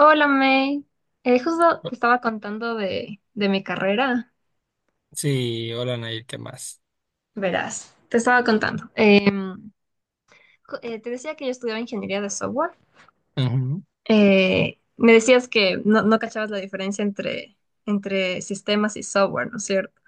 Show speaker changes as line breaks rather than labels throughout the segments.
Hola May. Justo te estaba contando de mi carrera,
Sí, hola Nair, ¿qué más?
verás, te estaba contando. Te decía que yo estudiaba ingeniería de software.
Ujú.
Me decías que no cachabas la diferencia entre sistemas y software, ¿no es cierto?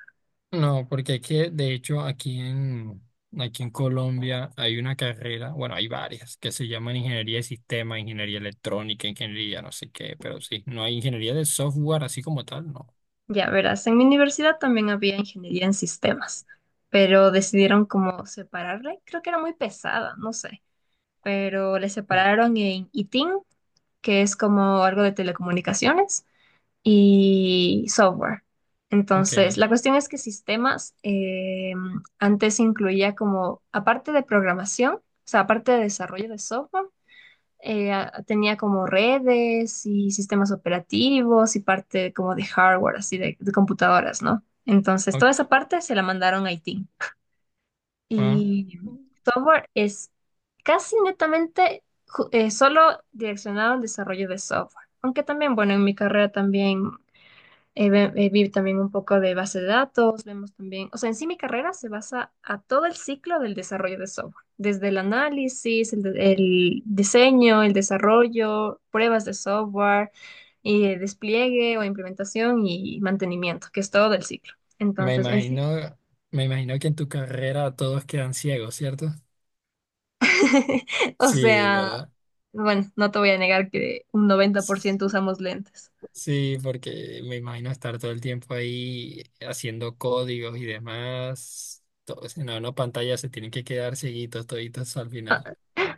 No, porque aquí, de hecho, aquí en Colombia hay una carrera, bueno, hay varias, que se llaman ingeniería de sistema, ingeniería electrónica, ingeniería no sé qué, pero sí, no hay ingeniería de software así como tal, no.
Ya verás, en mi universidad también había ingeniería en sistemas, pero decidieron como separarle. Creo que era muy pesada, no sé, pero le
Sí,
separaron en ITIN, que es como algo de telecomunicaciones y software. Entonces,
ok.
la cuestión es que sistemas antes incluía como, aparte de programación, o sea, aparte de desarrollo de software, tenía como redes y sistemas operativos y parte como de hardware, así de computadoras, ¿no? Entonces,
o-
toda esa parte se la mandaron a IT.
ah,
Y software es casi netamente solo direccionado al desarrollo de software. Aunque también, bueno, en mi carrera también vi también un poco de base de datos, vemos también, o sea, en sí mi carrera se basa a todo el ciclo del desarrollo de software, desde el análisis, el diseño, el desarrollo, pruebas de software, y el despliegue o implementación y mantenimiento, que es todo el ciclo.
Me
Entonces, en sí,
imagino, me imagino que en tu carrera todos quedan ciegos, ¿cierto?
o
Sí,
sea,
¿verdad?
bueno, no te voy a negar que un 90% usamos lentes.
Sí, porque me imagino estar todo el tiempo ahí haciendo códigos y demás. Todo, si no, no, pantalla se tienen que quedar seguidos toditos al final.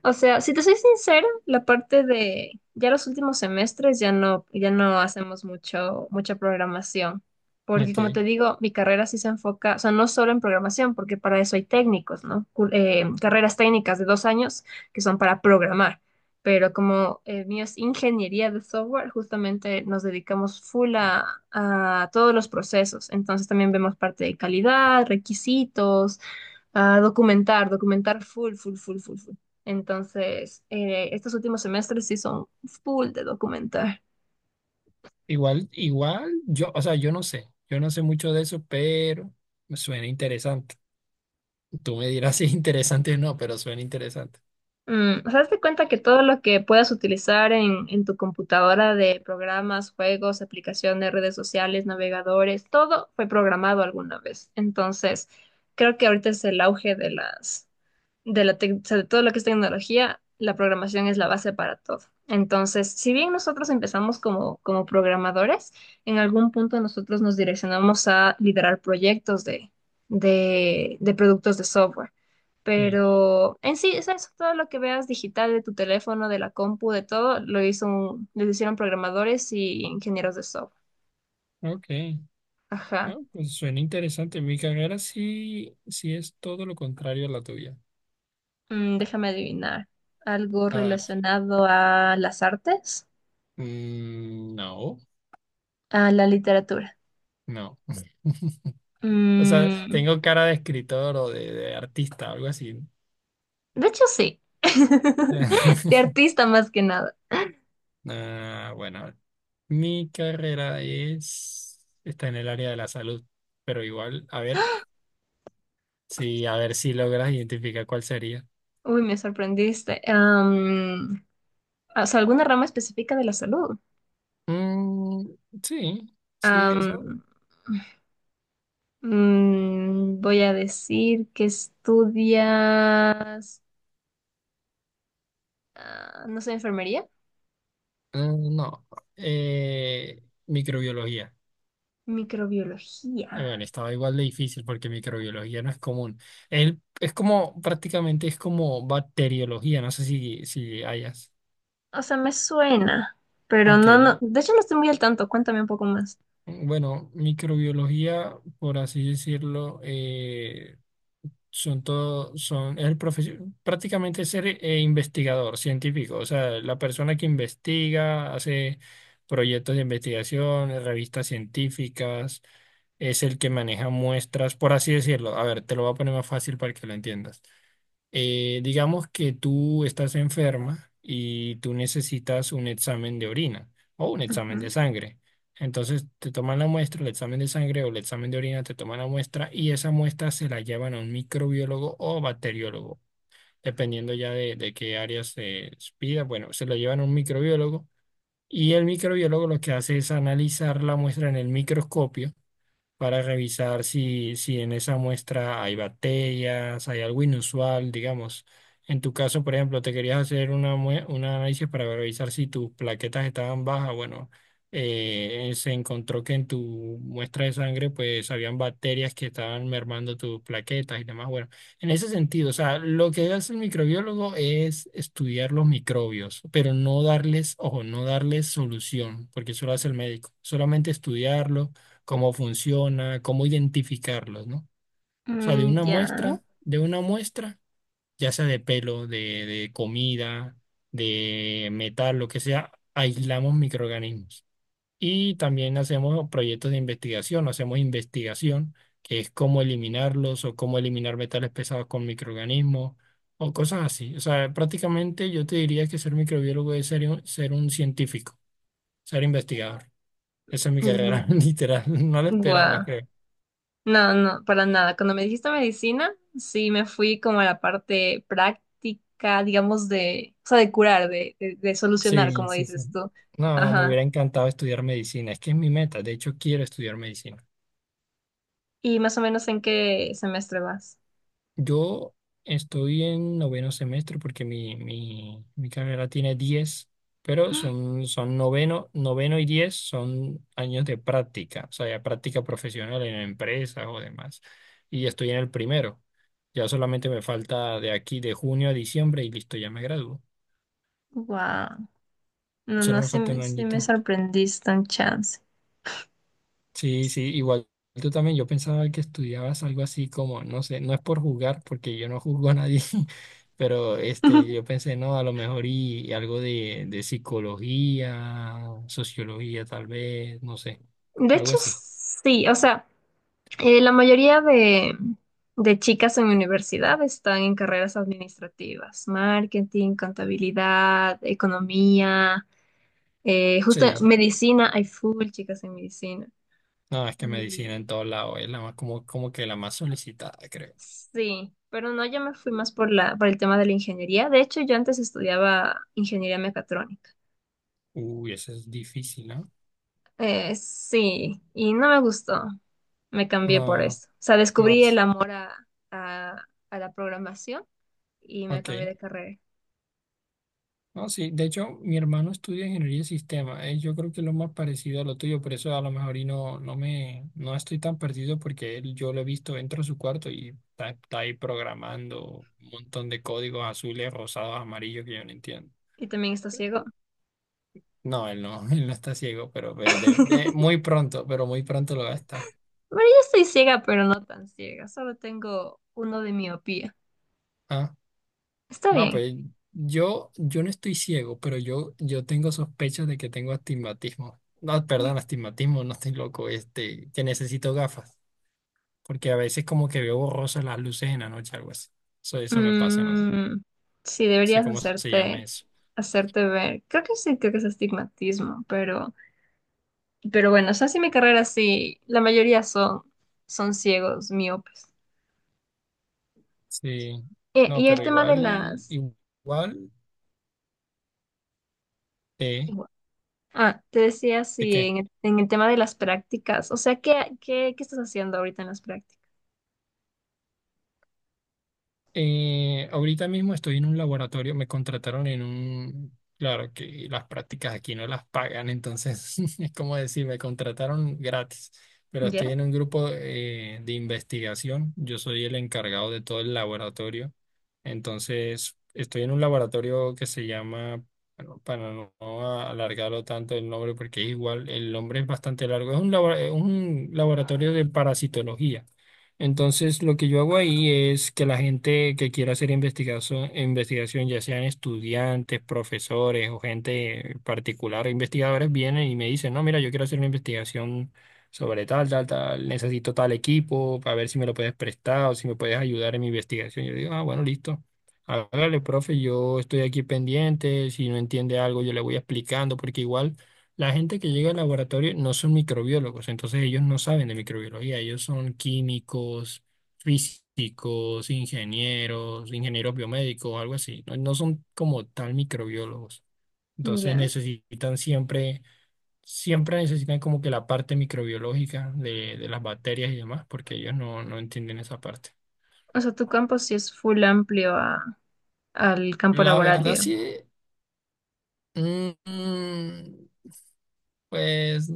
O sea, si te soy sincera, la parte de ya los últimos semestres ya no, ya no hacemos mucha programación. Porque
Ok.
como te digo, mi carrera sí se enfoca, o sea, no solo en programación, porque para eso hay técnicos, ¿no? Carreras técnicas de 2 años que son para programar. Pero como mío es ingeniería de software, justamente nos dedicamos full a todos los procesos. Entonces también vemos parte de calidad, requisitos, a documentar, documentar full, full, full, full, full. Entonces, estos últimos semestres sí son full de documentar.
Igual, igual, o sea, yo no sé. Yo no sé mucho de eso, pero me suena interesante. Tú me dirás si es interesante o no, pero suena interesante.
Mm, o sea, hazte cuenta que todo lo que puedas utilizar en tu computadora de programas, juegos, aplicaciones, redes sociales, navegadores, todo fue programado alguna vez. Entonces, creo que ahorita es el auge de las de la sobre todo lo que es tecnología, la programación es la base para todo. Entonces, si bien nosotros empezamos como programadores, en algún punto nosotros nos direccionamos a liderar proyectos de productos de software.
Sí.
Pero en sí, es eso, todo lo que veas digital de tu teléfono, de la compu, de todo, lo hicieron programadores y ingenieros de software.
Ok. Ah,
Ajá.
pues suena interesante. Mi carrera sí, sí es todo lo contrario a la tuya.
Mm, déjame adivinar. Algo
A ver.
relacionado a las artes,
No,
a la literatura.
no. O sea,
Mm,
tengo cara de escritor o de artista, algo así.
de hecho, sí. De artista más que nada.
Ah, bueno, mi carrera es, está en el área de la salud, pero igual, a ver, sí, a ver si logras identificar cuál sería.
Uy, me sorprendiste. O sea, alguna rama específica de la salud.
Mm, sí, sí, eso.
Am, Voy a decir que estudias, ah, no sé, enfermería,
eh, no, microbiología.
microbiología.
Bueno, estaba igual de difícil porque microbiología no es común. Es como, prácticamente es como bacteriología, no sé si, si hayas.
O sea, me suena, pero
Ok,
no, no. De hecho, no estoy muy al tanto. Cuéntame un poco más.
bueno, microbiología, por así decirlo, son todo, son, es el prácticamente ser investigador científico, o sea, la persona que investiga, hace proyectos de investigación, revistas científicas, es el que maneja muestras, por así decirlo. A ver, te lo voy a poner más fácil para que lo entiendas. Digamos que tú estás enferma y tú necesitas un examen de orina o un examen de
Ujú.
sangre. Entonces te toman la muestra, el examen de sangre o el examen de orina, te toman la muestra y esa muestra se la llevan a un microbiólogo o bacteriólogo, dependiendo ya de qué área se pida. Bueno, se lo llevan a un microbiólogo y el microbiólogo lo que hace es analizar la muestra en el microscopio para revisar si, si en esa muestra hay bacterias, hay algo inusual, digamos. En tu caso, por ejemplo, te querías hacer una, un análisis para revisar si tus plaquetas estaban bajas. Bueno, se encontró que en tu muestra de sangre, pues, habían bacterias que estaban mermando tus plaquetas y demás. Bueno, en ese sentido, o sea, lo que hace el microbiólogo es estudiar los microbios, pero no darles, ojo, no darles solución, porque eso lo hace el médico. Solamente estudiarlo cómo funciona, cómo identificarlos, ¿no? O sea,
Mm, ya.
de una muestra, ya sea de pelo, de comida, de metal, lo que sea, aislamos microorganismos. Y también hacemos proyectos de investigación, hacemos investigación, que es cómo eliminarlos o cómo eliminar metales pesados con microorganismos o cosas así. O sea, prácticamente yo te diría que ser microbiólogo es ser un científico, ser investigador. Esa es mi carrera,
Mm,
literal, no la esperaba,
guau.
creo.
No, no, para nada. Cuando me dijiste medicina, sí me fui como a la parte práctica, digamos, o sea, de curar, de solucionar,
Sí,
como
sí, sí.
dices tú.
No, me
Ajá.
hubiera encantado estudiar medicina. Es que es mi meta. De hecho, quiero estudiar medicina.
¿Y más o menos en qué semestre vas?
Yo estoy en noveno semestre porque mi carrera tiene 10, pero son, son noveno, noveno y 10 son años de práctica, o sea, ya práctica profesional en empresas o demás. Y estoy en el primero. Ya solamente me falta de aquí, de junio a diciembre, y listo, ya me gradúo.
Wow. No,
Solo
no,
me
sí,
falta un
sí me
añito.
sorprendiste un chance.
Sí, sí, igual tú también, yo pensaba que estudiabas algo así como, no sé, no es por jugar, porque yo no juzgo a nadie, pero este, yo pensé, no, a lo mejor y algo de psicología, sociología tal vez, no sé,
De
algo
hecho,
así.
sí, o sea, la mayoría de chicas en mi universidad están en carreras administrativas, marketing, contabilidad, economía. Justo
Sí,
medicina, hay full chicas en medicina.
no, es que medicina
Y
en todos lados es la más, como, como que la más solicitada, creo.
sí, pero no, yo me fui más por por el tema de la ingeniería. De hecho, yo antes estudiaba ingeniería mecatrónica.
Uy, eso es difícil, ¿no?
Sí, y no me gustó. Me cambié por
No,
eso. O sea,
no,
descubrí el amor a la programación y me cambié
ok.
de carrera.
No, sí, de hecho, mi hermano estudia ingeniería de sistemas. Yo creo que es lo más parecido a lo tuyo, por eso a lo mejor y no, no me, no estoy tan perdido porque él, yo lo he visto, entro a su cuarto y está, está ahí programando un montón de códigos azules, rosados, amarillos que yo no entiendo.
Y también está ciego.
No, él no, él no está ciego, pero muy pronto, pero muy pronto lo va a estar.
Bueno, yo estoy ciega, pero no tan ciega. Solo tengo uno de miopía.
Ah,
Está
no,
bien.
pues yo no estoy ciego, pero yo tengo sospechas de que tengo astigmatismo. No, perdón, astigmatismo, no estoy loco, este, que necesito gafas. Porque a veces como que veo borrosas las luces en la noche, algo así. Eso me pasa, no
Mm, sí,
sé
deberías
cómo se llama eso.
hacerte ver. Creo que sí, creo que es estigmatismo, pero bueno, o sea, sí mi carrera sí, la mayoría son ciegos, miopes.
Sí, no,
Y el
pero
tema de
igual,
las...
igual de,
Ah, te decía,
¿de
sí,
qué?
en el tema de las prácticas, o sea, ¿qué estás haciendo ahorita en las prácticas?
Ahorita mismo estoy en un laboratorio, me contrataron en un, claro que las prácticas aquí no las pagan, entonces es como decir, me contrataron gratis, pero estoy
¿Ya?
en un grupo de investigación, yo soy el encargado de todo el laboratorio, entonces estoy en un laboratorio que se llama, bueno, para no alargarlo tanto el nombre, porque es igual, el nombre es bastante largo, es un, es un laboratorio de parasitología. Entonces, lo que yo hago ahí es que la gente que quiera hacer investigación, investigación, ya sean estudiantes, profesores o gente particular, investigadores, vienen y me dicen, no, mira, yo quiero hacer una investigación sobre tal, tal, tal, necesito tal equipo para ver si me lo puedes prestar o si me puedes ayudar en mi investigación. Yo digo, ah, bueno, listo. Hágale, profe, yo estoy aquí pendiente, si no entiende algo, yo le voy explicando, porque igual... La gente que llega al laboratorio no son microbiólogos, entonces ellos no saben de microbiología, ellos son químicos, físicos, ingenieros, ingenieros biomédicos, algo así. No, no son como tal microbiólogos. Entonces
¿Ya?
necesitan siempre, siempre necesitan como que la parte microbiológica de las bacterias y demás, porque ellos no, no entienden esa parte.
O sea, tu campo sí es full amplio al campo
La
laboral,
verdad
digo.
sí, mm, mm, pues...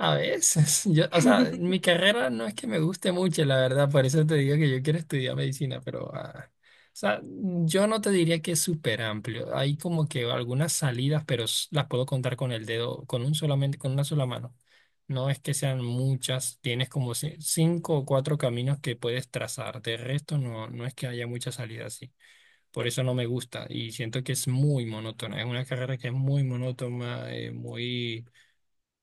A veces, yo, o sea, mi carrera no es que me guste mucho, la verdad, por eso te digo que yo quiero estudiar medicina, pero, ah, o sea, yo no te diría que es súper amplio. Hay como que algunas salidas, pero las puedo contar con el dedo, con un solamente, con una sola mano. No es que sean muchas, tienes como cinco o cuatro caminos que puedes trazar. De resto, no, no es que haya muchas salidas así. Por eso no me gusta y siento que es muy monótona. Es una carrera que es muy monótona, muy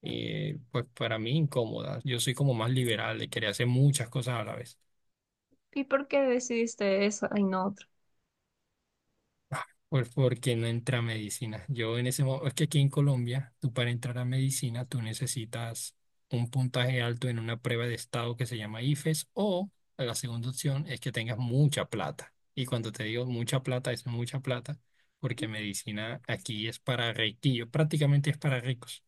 pues para mí incómoda. Yo soy como más liberal, de querer hacer muchas cosas a la vez.
¿Y por qué decidiste eso y no otro?
Pues porque no entra a medicina. Yo en ese momento, es que aquí en Colombia, tú para entrar a medicina, tú necesitas un puntaje alto en una prueba de estado que se llama IFES o la segunda opción es que tengas mucha plata. Y cuando te digo mucha plata, es mucha plata, porque medicina aquí es para ricos, prácticamente es para ricos.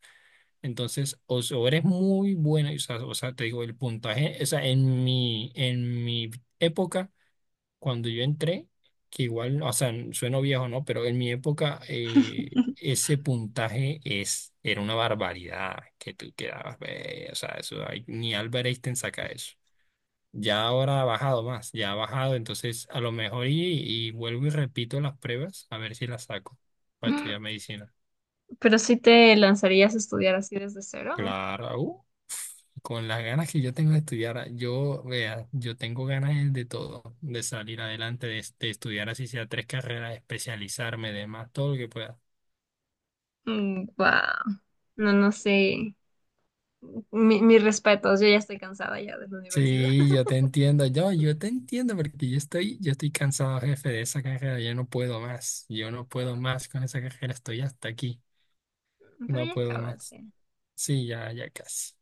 Entonces, o eres muy buena, o sea, te digo, el puntaje, o sea, en mi época, cuando yo entré, que igual, o sea, sueno viejo, ¿no? Pero en mi época, ese puntaje es, era una barbaridad que tú quedabas, ve, o sea, eso, ni Albert Einstein saca eso. Ya ahora ha bajado más, ya ha bajado, entonces a lo mejor y vuelvo y repito las pruebas, a ver si las saco para estudiar medicina.
Pero sí te lanzarías a estudiar así desde cero.
Claro, con las ganas que yo tengo de estudiar, yo, vea, yo tengo ganas de todo, de salir adelante, de estudiar así sea tres carreras, especializarme, demás, todo lo que pueda.
Mm, wow. No, no sé. Mis respetos, yo ya estoy cansada ya de la universidad.
Sí, yo te entiendo, yo te entiendo porque yo estoy cansado, jefe, de esa carrera, yo no puedo más, yo no puedo más con esa carrera, estoy hasta aquí,
Pero
no
ya
puedo
acabas.
más. Sí, ya, ya casi.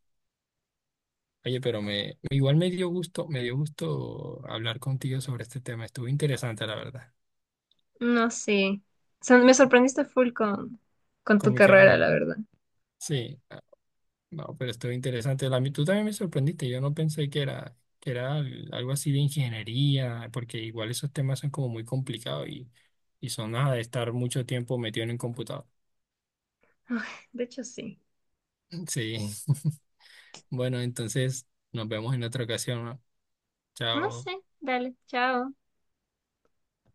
Oye, pero me, igual me dio gusto hablar contigo sobre este tema, estuvo interesante, la verdad,
No sé. O sea, me sorprendiste full con tu
con mi
carrera, la
carrera.
verdad.
Sí, ah, no, pero estuvo interesante. Tú también me sorprendiste, yo no pensé que era algo así de ingeniería, porque igual esos temas son como muy complicados y son nada de estar mucho tiempo metido en un computador.
Ay, de hecho, sí.
Sí, bueno, entonces nos vemos en otra ocasión, ¿no?
No
Chao.
sé. Dale, chao.